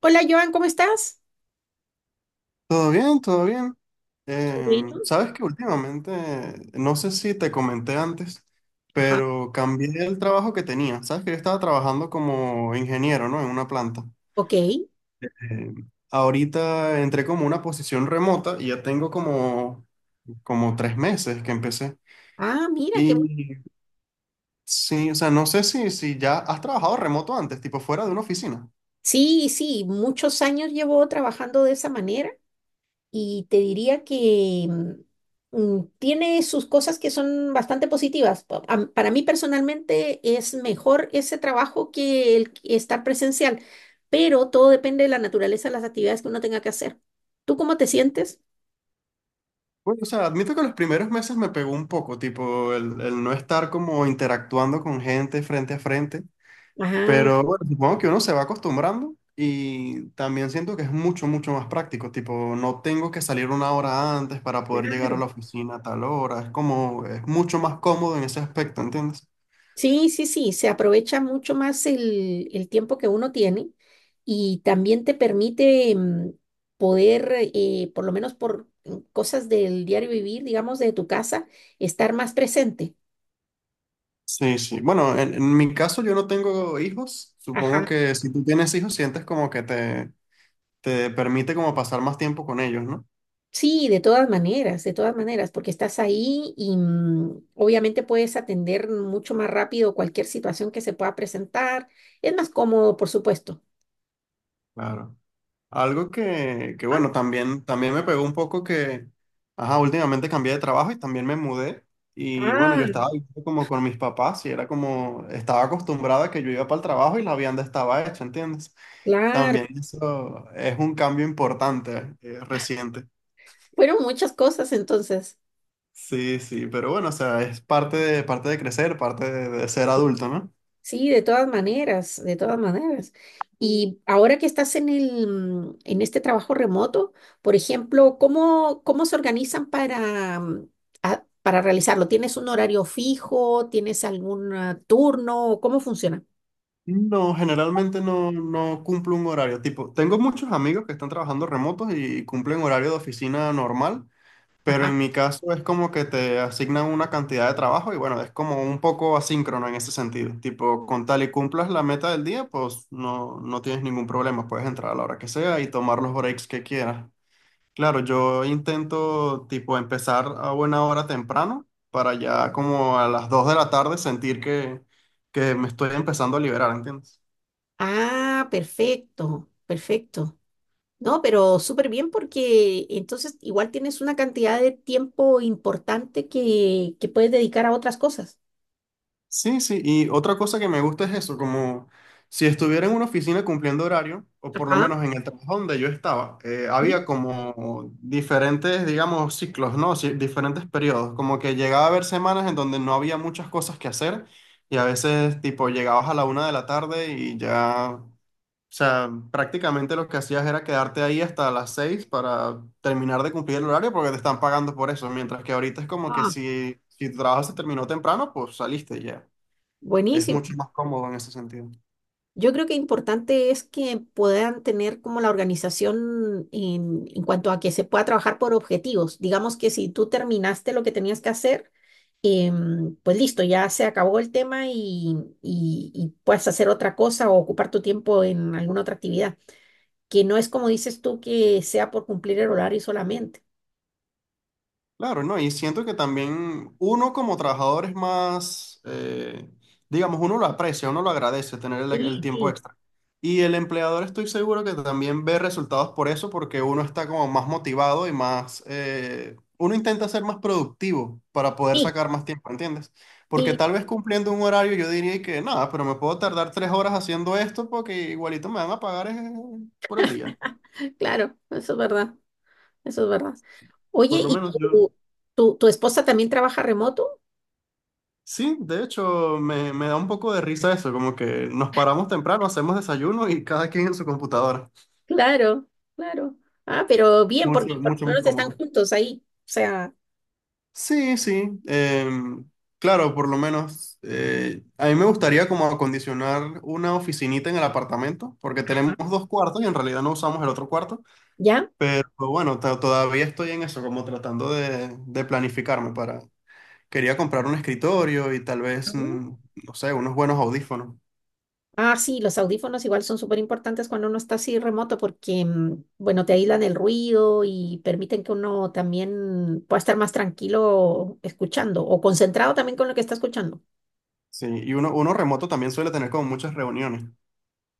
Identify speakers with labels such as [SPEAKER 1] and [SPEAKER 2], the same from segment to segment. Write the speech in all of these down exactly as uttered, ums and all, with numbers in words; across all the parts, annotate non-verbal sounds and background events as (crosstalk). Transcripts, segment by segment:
[SPEAKER 1] Hola Joan, ¿cómo estás?
[SPEAKER 2] Todo bien, todo bien.
[SPEAKER 1] Qué
[SPEAKER 2] Em,
[SPEAKER 1] bueno.
[SPEAKER 2] sabes que últimamente, no sé si te comenté antes,
[SPEAKER 1] Ajá,
[SPEAKER 2] pero cambié el trabajo que tenía. Sabes que yo estaba trabajando como ingeniero, ¿no? En una planta.
[SPEAKER 1] ok.
[SPEAKER 2] Em, ahorita entré como una posición remota y ya tengo como, como tres meses que empecé.
[SPEAKER 1] Ah, mira, qué bueno.
[SPEAKER 2] Y sí, o sea, no sé si, si ya has trabajado remoto antes, tipo fuera de una oficina.
[SPEAKER 1] Sí, sí, muchos años llevo trabajando de esa manera y te diría que mm, mm, tiene sus cosas que son bastante positivas. Pa- am- Para mí personalmente es mejor ese trabajo que el que estar presencial, pero todo depende de la naturaleza de las actividades que uno tenga que hacer. ¿Tú cómo te sientes?
[SPEAKER 2] Bueno, o sea, admito que los primeros meses me pegó un poco, tipo el, el no estar como interactuando con gente frente a frente.
[SPEAKER 1] Ah,
[SPEAKER 2] Pero bueno, supongo que uno se va acostumbrando y también siento que es mucho, mucho más práctico. Tipo, no tengo que salir una hora antes para poder llegar a
[SPEAKER 1] claro.
[SPEAKER 2] la oficina a tal hora. Es como, es mucho más cómodo en ese aspecto, ¿entiendes?
[SPEAKER 1] Sí, sí, sí, se aprovecha mucho más el, el tiempo que uno tiene y también te permite mm, poder, eh, por lo menos por mm, cosas del diario vivir, digamos, de tu casa, estar más presente.
[SPEAKER 2] Sí, sí. Bueno, en, en mi caso yo no tengo hijos. Supongo
[SPEAKER 1] Ajá.
[SPEAKER 2] que si tú tienes hijos, sientes como que te, te permite como pasar más tiempo con ellos, ¿no?
[SPEAKER 1] Sí, de todas maneras, de todas maneras, porque estás ahí y mm, obviamente puedes atender mucho más rápido cualquier situación que se pueda presentar. Es más cómodo, por supuesto.
[SPEAKER 2] Claro. Algo que, que
[SPEAKER 1] Ah.
[SPEAKER 2] bueno, también, también me pegó un poco que, ajá, últimamente cambié de trabajo y también me mudé. Y bueno,
[SPEAKER 1] Ah,
[SPEAKER 2] yo estaba viviendo como con mis papás y era como, estaba acostumbrada a que yo iba para el trabajo y la vianda estaba hecha, ¿entiendes?
[SPEAKER 1] claro.
[SPEAKER 2] También eso es un cambio importante, eh, reciente.
[SPEAKER 1] Fueron muchas cosas entonces.
[SPEAKER 2] Sí, sí, pero bueno, o sea, es parte de, parte de crecer, parte de, de ser adulto, ¿no?
[SPEAKER 1] Sí, de todas maneras, de todas maneras. Y ahora que estás en el, mm, en este trabajo remoto, por ejemplo, ¿cómo, cómo se organizan para, mm, a- para realizarlo? ¿Tienes un horario fijo? ¿Tienes algún ah, turno? ¿Cómo funciona?
[SPEAKER 2] No, generalmente no, no cumplo un horario. Tipo, tengo muchos amigos que están trabajando remotos y cumplen horario de oficina normal. Pero
[SPEAKER 1] Ajá.
[SPEAKER 2] en mi caso es como que te asignan una cantidad de trabajo y bueno, es como un poco asíncrono en ese sentido. Tipo, con tal y cumplas la meta del día, pues no, no tienes ningún problema. Puedes entrar a la hora que sea y tomar los breaks que quieras. Claro, yo intento tipo empezar a buena hora temprano para ya como a las dos de la tarde sentir que, que me estoy empezando a liberar, ¿entiendes?
[SPEAKER 1] Ah, perfecto, perfecto. No, pero súper bien porque entonces igual tienes una cantidad de tiempo importante que, que puedes dedicar a otras cosas.
[SPEAKER 2] Sí, sí, y otra cosa que me gusta es eso, como si estuviera en una oficina cumpliendo horario, o por lo
[SPEAKER 1] Ajá.
[SPEAKER 2] menos en el trabajo donde yo estaba, eh,
[SPEAKER 1] Sí.
[SPEAKER 2] había como diferentes, digamos, ciclos, ¿no? Sí, diferentes periodos, como que llegaba a haber semanas en donde no había muchas cosas que hacer y a veces tipo llegabas a la una de la tarde y ya, o sea, prácticamente lo que hacías era quedarte ahí hasta las seis para terminar de cumplir el horario porque te están pagando por eso, mientras que ahorita es como que
[SPEAKER 1] Ah,
[SPEAKER 2] si, si tu trabajo se terminó temprano, pues saliste y ya. Es
[SPEAKER 1] buenísimo.
[SPEAKER 2] mucho más cómodo en ese sentido.
[SPEAKER 1] Yo creo que importante es que puedan tener como la organización en, en cuanto a que se pueda trabajar por objetivos. Digamos que si tú terminaste lo que tenías que hacer, em, pues listo, ya se acabó el tema y, y- y puedes hacer otra cosa o ocupar tu tiempo en alguna otra actividad, que no es como dices tú que sea por cumplir el horario solamente.
[SPEAKER 2] Claro, ¿no? Y siento que también uno como trabajador es más, eh, digamos, uno lo aprecia, uno lo agradece tener el,
[SPEAKER 1] Sí,
[SPEAKER 2] el tiempo
[SPEAKER 1] sí,
[SPEAKER 2] extra. Y el empleador estoy seguro que también ve resultados por eso, porque uno está como más motivado y más, eh, uno intenta ser más productivo para poder
[SPEAKER 1] sí,
[SPEAKER 2] sacar más tiempo, ¿entiendes? Porque
[SPEAKER 1] sí,
[SPEAKER 2] tal vez cumpliendo un horario yo diría que nada, pero me puedo tardar tres horas haciendo esto porque igualito me van a pagar eh, por el día.
[SPEAKER 1] claro, eso es verdad, eso es verdad. Oye,
[SPEAKER 2] Por lo
[SPEAKER 1] ¿y
[SPEAKER 2] menos yo.
[SPEAKER 1] tu, tu tu esposa también trabaja remoto?
[SPEAKER 2] Sí, de hecho, me, me da un poco de risa eso, como que nos paramos temprano, hacemos desayuno y cada quien en su computadora.
[SPEAKER 1] Claro, claro. Ah, pero bien,
[SPEAKER 2] Mucho,
[SPEAKER 1] porque por lo
[SPEAKER 2] mucho más
[SPEAKER 1] menos están
[SPEAKER 2] cómodo.
[SPEAKER 1] juntos ahí. O sea,
[SPEAKER 2] Sí, sí. Em, claro, por lo menos eh, a mí me gustaría como acondicionar una oficinita en el apartamento, porque tenemos dos cuartos y en realidad no usamos el otro cuarto,
[SPEAKER 1] ¿ya?
[SPEAKER 2] pero bueno, to- todavía estoy en eso, como tratando de, de planificarme para... Quería comprar un escritorio y tal vez,
[SPEAKER 1] Ujú.
[SPEAKER 2] mm, no sé, unos buenos audífonos.
[SPEAKER 1] Ah, sí, los audífonos igual son súper importantes cuando uno está así remoto porque, mm, bueno, te aíslan el ruido y permiten que uno también pueda estar más tranquilo escuchando o concentrado también con lo que está escuchando.
[SPEAKER 2] Sí, y uno, uno remoto también suele tener como muchas reuniones.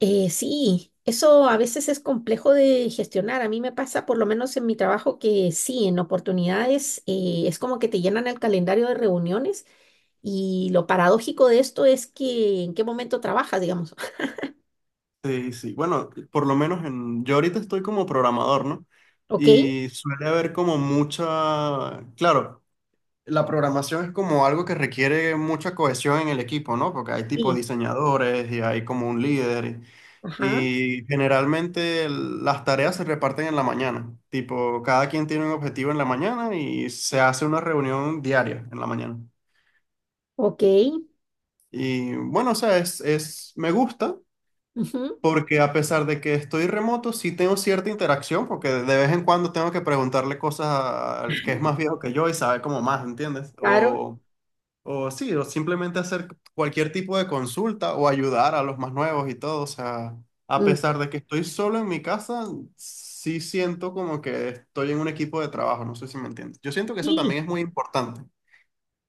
[SPEAKER 1] Eh, sí, eso a veces es complejo de gestionar. A mí me pasa, por lo menos en mi trabajo, que sí, en oportunidades eh, es como que te llenan el calendario de reuniones y lo paradójico de esto es que en qué momento trabajas, digamos.
[SPEAKER 2] Sí, sí. Bueno, por lo menos en, yo ahorita estoy como programador, ¿no?
[SPEAKER 1] (laughs) ¿Ok?
[SPEAKER 2] Y suele haber como mucha, claro, la programación es como algo que requiere mucha cohesión en el equipo, ¿no? Porque hay tipo
[SPEAKER 1] Sí.
[SPEAKER 2] diseñadores y hay como un líder.
[SPEAKER 1] Ajá.
[SPEAKER 2] Y generalmente el- las tareas se reparten en la mañana. Tipo, cada quien tiene un objetivo en la mañana y se hace una reunión diaria en la mañana.
[SPEAKER 1] Ok.
[SPEAKER 2] Y bueno, o sea, es, es, me gusta,
[SPEAKER 1] Ujú.
[SPEAKER 2] porque a pesar de que estoy remoto, sí tengo cierta interacción, porque de vez en cuando tengo que preguntarle cosas a- al que es más viejo que yo y sabe como más, ¿entiendes?
[SPEAKER 1] Claro.
[SPEAKER 2] O, o sí, o simplemente hacer cualquier tipo de consulta o ayudar a los más nuevos y todo. O sea, a
[SPEAKER 1] Mm.
[SPEAKER 2] pesar de que estoy solo en mi casa, sí siento como que estoy en un equipo de trabajo, no sé si me entiendes. Yo siento que eso
[SPEAKER 1] Sí.
[SPEAKER 2] también es muy importante.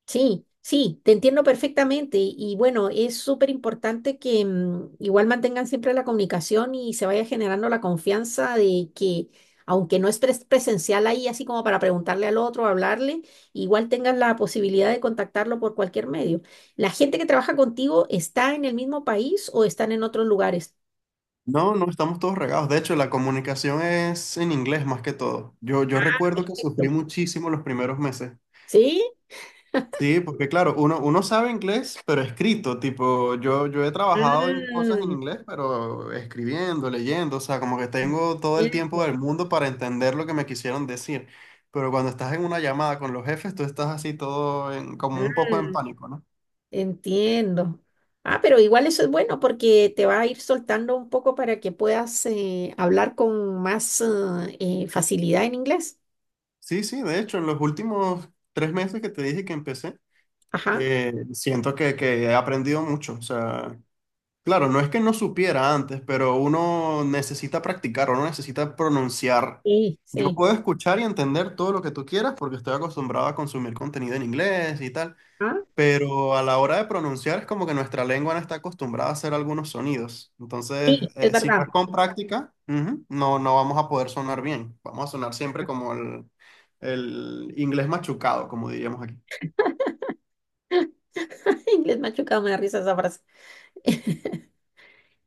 [SPEAKER 1] Sí, sí, te entiendo perfectamente y, y bueno, es súper importante que mm, igual mantengan siempre la comunicación y se vaya generando la confianza de que aunque no es pres- presencial ahí, así como para preguntarle al otro, hablarle, igual tengas la posibilidad de contactarlo por cualquier medio. ¿La gente que trabaja contigo está en el mismo país o están en otros lugares?
[SPEAKER 2] No, no estamos todos regados. De hecho, la comunicación es en inglés más que todo. Yo, yo recuerdo que sufrí
[SPEAKER 1] Perfecto.
[SPEAKER 2] muchísimo los primeros meses.
[SPEAKER 1] ¿Sí?
[SPEAKER 2] Sí, porque claro, uno, uno sabe inglés, pero escrito, tipo, yo, yo he trabajado en
[SPEAKER 1] Ah,
[SPEAKER 2] cosas en inglés, pero escribiendo, leyendo, o sea, como que tengo todo el tiempo
[SPEAKER 1] entiendo.
[SPEAKER 2] del mundo para entender lo que me quisieron decir. Pero cuando estás en una llamada con los jefes, tú estás así todo en- como un poco en
[SPEAKER 1] Ah.
[SPEAKER 2] pánico, ¿no?
[SPEAKER 1] Entiendo. Ah, pero igual eso es bueno porque te va a ir soltando un poco para que puedas eh, hablar con más eh, eh, facilidad en inglés.
[SPEAKER 2] Sí, sí, de hecho, en los últimos tres meses que te dije que empecé,
[SPEAKER 1] Ajá.
[SPEAKER 2] eh, siento que, que he aprendido mucho, o sea... Claro, no es que no supiera antes, pero uno necesita practicar, uno necesita pronunciar.
[SPEAKER 1] Sí,
[SPEAKER 2] Yo
[SPEAKER 1] sí.
[SPEAKER 2] puedo escuchar y entender todo lo que tú quieras porque estoy acostumbrado a consumir contenido en inglés y tal,
[SPEAKER 1] Ah,
[SPEAKER 2] pero a la hora de pronunciar es como que nuestra lengua no está acostumbrada a hacer algunos sonidos. Entonces,
[SPEAKER 1] sí, es
[SPEAKER 2] eh, si no
[SPEAKER 1] verdad.
[SPEAKER 2] es con práctica, ujú, no, no vamos a poder sonar bien. Vamos a sonar siempre como el, el inglés machucado, como diríamos aquí.
[SPEAKER 1] (laughs) Inglés machucado, me da risa esa frase. (laughs)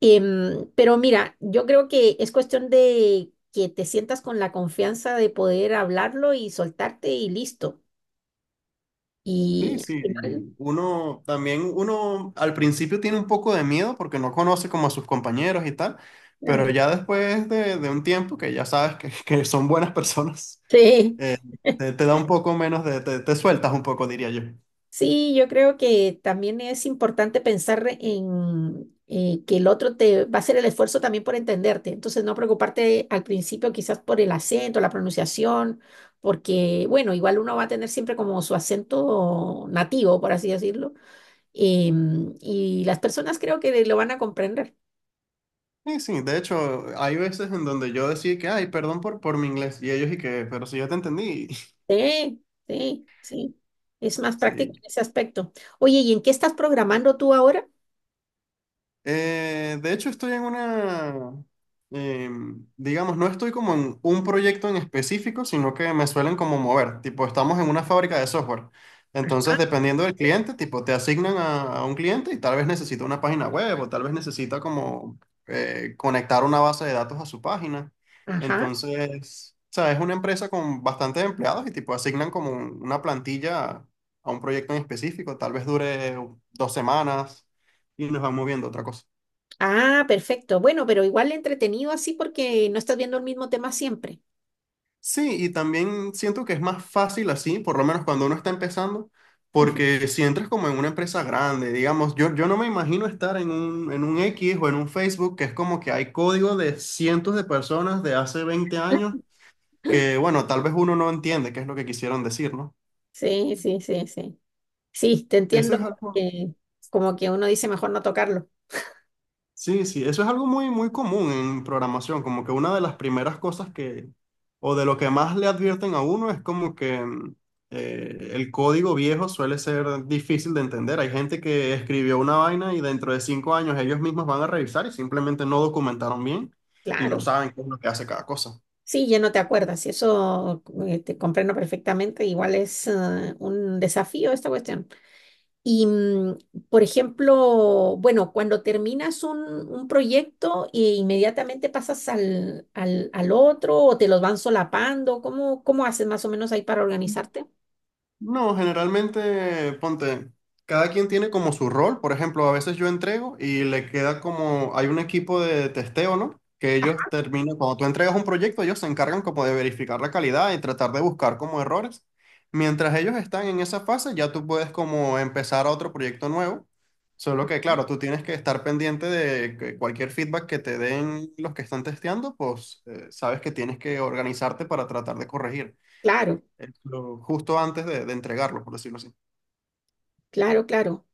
[SPEAKER 1] Em, pero mira, yo creo que es cuestión de que te sientas con la confianza de poder hablarlo y soltarte y listo.
[SPEAKER 2] Sí,
[SPEAKER 1] Y al
[SPEAKER 2] sí,
[SPEAKER 1] final,
[SPEAKER 2] y uno también, uno al principio tiene un poco de miedo porque no conoce como a sus compañeros y tal, pero
[SPEAKER 1] claro.
[SPEAKER 2] ya después de, de un tiempo que ya sabes que, (laughs) que son buenas personas,
[SPEAKER 1] (laughs) Sí.
[SPEAKER 2] eh, te, te da un poco menos de, te, te sueltas un poco, diría yo.
[SPEAKER 1] Sí, yo creo que también es importante pensar en eh, que el otro te va a hacer el esfuerzo también por entenderte. Entonces, no preocuparte al principio quizás por el acento, la pronunciación, porque, bueno, igual uno va a tener siempre como su acento nativo, por así decirlo. Em, y las personas creo que lo van a comprender.
[SPEAKER 2] Sí, sí, de hecho, hay veces en donde yo decía que, ay, perdón por, por mi inglés, y ellos y que, pero si yo te entendí,
[SPEAKER 1] Sí, sí, sí. Es más
[SPEAKER 2] (laughs)
[SPEAKER 1] práctico
[SPEAKER 2] sí.
[SPEAKER 1] en ese aspecto. Oye, ¿y en qué estás programando tú ahora?
[SPEAKER 2] Eh, de hecho, estoy en una, em, digamos, no estoy como en un proyecto en específico, sino que me suelen como mover. Tipo, estamos en una fábrica de software.
[SPEAKER 1] Ajá,
[SPEAKER 2] Entonces, dependiendo del
[SPEAKER 1] sí,
[SPEAKER 2] cliente, tipo, te asignan a, a un cliente y tal vez necesita una página web o tal vez necesita como eh, conectar una base de datos a su página.
[SPEAKER 1] ajá.
[SPEAKER 2] Entonces, o sea, es una empresa con bastantes empleados y tipo, asignan como un- una plantilla a a un proyecto en específico. Tal vez dure dos semanas y nos van moviendo a otra cosa.
[SPEAKER 1] Ah, perfecto. Bueno, pero igual entretenido así porque no estás viendo el mismo tema siempre.
[SPEAKER 2] Sí, y también siento que es más fácil así, por lo menos cuando uno está empezando,
[SPEAKER 1] (laughs)
[SPEAKER 2] porque si entras como en una empresa grande, digamos, yo, yo no me imagino estar en un, en un X o en un Facebook, que es como que hay código de cientos de personas de hace veinte años que, bueno, tal vez uno no entiende qué es lo que quisieron decir, ¿no?
[SPEAKER 1] Sí, sí, sí, sí. Sí, te
[SPEAKER 2] Sí. Eso
[SPEAKER 1] entiendo
[SPEAKER 2] es algo,
[SPEAKER 1] que como que uno dice mejor no tocarlo.
[SPEAKER 2] sí, sí, eso es algo muy, muy común en programación, como que una de las primeras cosas que, o de lo que más le advierten a uno es como que mm, eh, el código viejo suele ser difícil de entender. Hay gente que escribió una vaina y dentro de cinco años ellos mismos van a revisar y simplemente no documentaron bien y no
[SPEAKER 1] Claro.
[SPEAKER 2] saben qué es lo que hace cada cosa.
[SPEAKER 1] Sí, ya no te acuerdas y eso eh, te comprendo perfectamente. Igual es eh, un desafío esta cuestión. Y, mm, por ejemplo, bueno, cuando terminas un, un proyecto e inmediatamente pasas al, al, al otro o te los van solapando, ¿cómo, cómo haces más o menos ahí para organizarte?
[SPEAKER 2] No, generalmente, ponte, cada quien tiene como su rol. Por ejemplo, a veces yo entrego y le queda como, hay un equipo de testeo, ¿no? Que ellos terminan, cuando tú entregas un proyecto, ellos se encargan como de verificar la calidad y tratar de buscar como errores. Mientras ellos están en esa fase, ya tú puedes como empezar a otro proyecto nuevo. Solo que, claro, tú tienes que estar pendiente de que cualquier feedback que te den los que están testeando, pues eh, sabes que tienes que organizarte para tratar de corregir
[SPEAKER 1] Claro,
[SPEAKER 2] el flow, justo antes de, de entregarlo, por decirlo así.
[SPEAKER 1] claro, claro.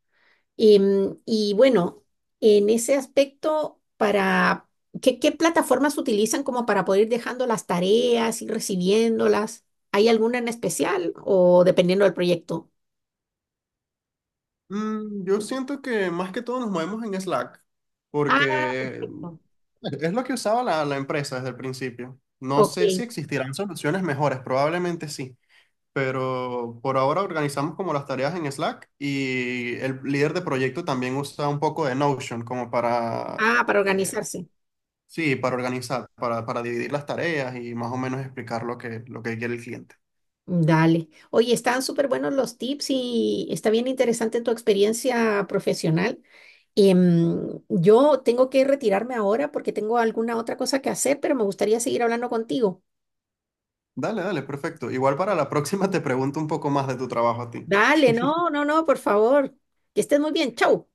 [SPEAKER 1] Y, mm, y bueno, en ese aspecto, para ¿qué, qué plataformas utilizan como para poder ir dejando las tareas y recibiéndolas? ¿Hay alguna en especial o dependiendo del proyecto?
[SPEAKER 2] Mm, yo siento que más que todo nos movemos en Slack,
[SPEAKER 1] Ah,
[SPEAKER 2] porque
[SPEAKER 1] perfecto.
[SPEAKER 2] es lo que usaba la, la empresa desde el principio. No
[SPEAKER 1] Ok.
[SPEAKER 2] sé si existirán soluciones mejores, probablemente sí, pero por ahora organizamos como las tareas en Slack y el líder de proyecto también usa un poco de Notion como para
[SPEAKER 1] Ah, para
[SPEAKER 2] eh,
[SPEAKER 1] organizarse.
[SPEAKER 2] sí, para organizar, para, para dividir las tareas y más o menos explicar lo que, lo que quiere el cliente.
[SPEAKER 1] Dale. Oye, están súper buenos los tips y está bien interesante tu experiencia profesional. Em, yo tengo que retirarme ahora porque tengo alguna otra cosa que hacer, pero me gustaría seguir hablando contigo.
[SPEAKER 2] Dale, dale, perfecto. Igual para la próxima te pregunto un poco más de tu trabajo a ti.
[SPEAKER 1] Dale, no, no, no, por favor. Que estés muy bien. Chau.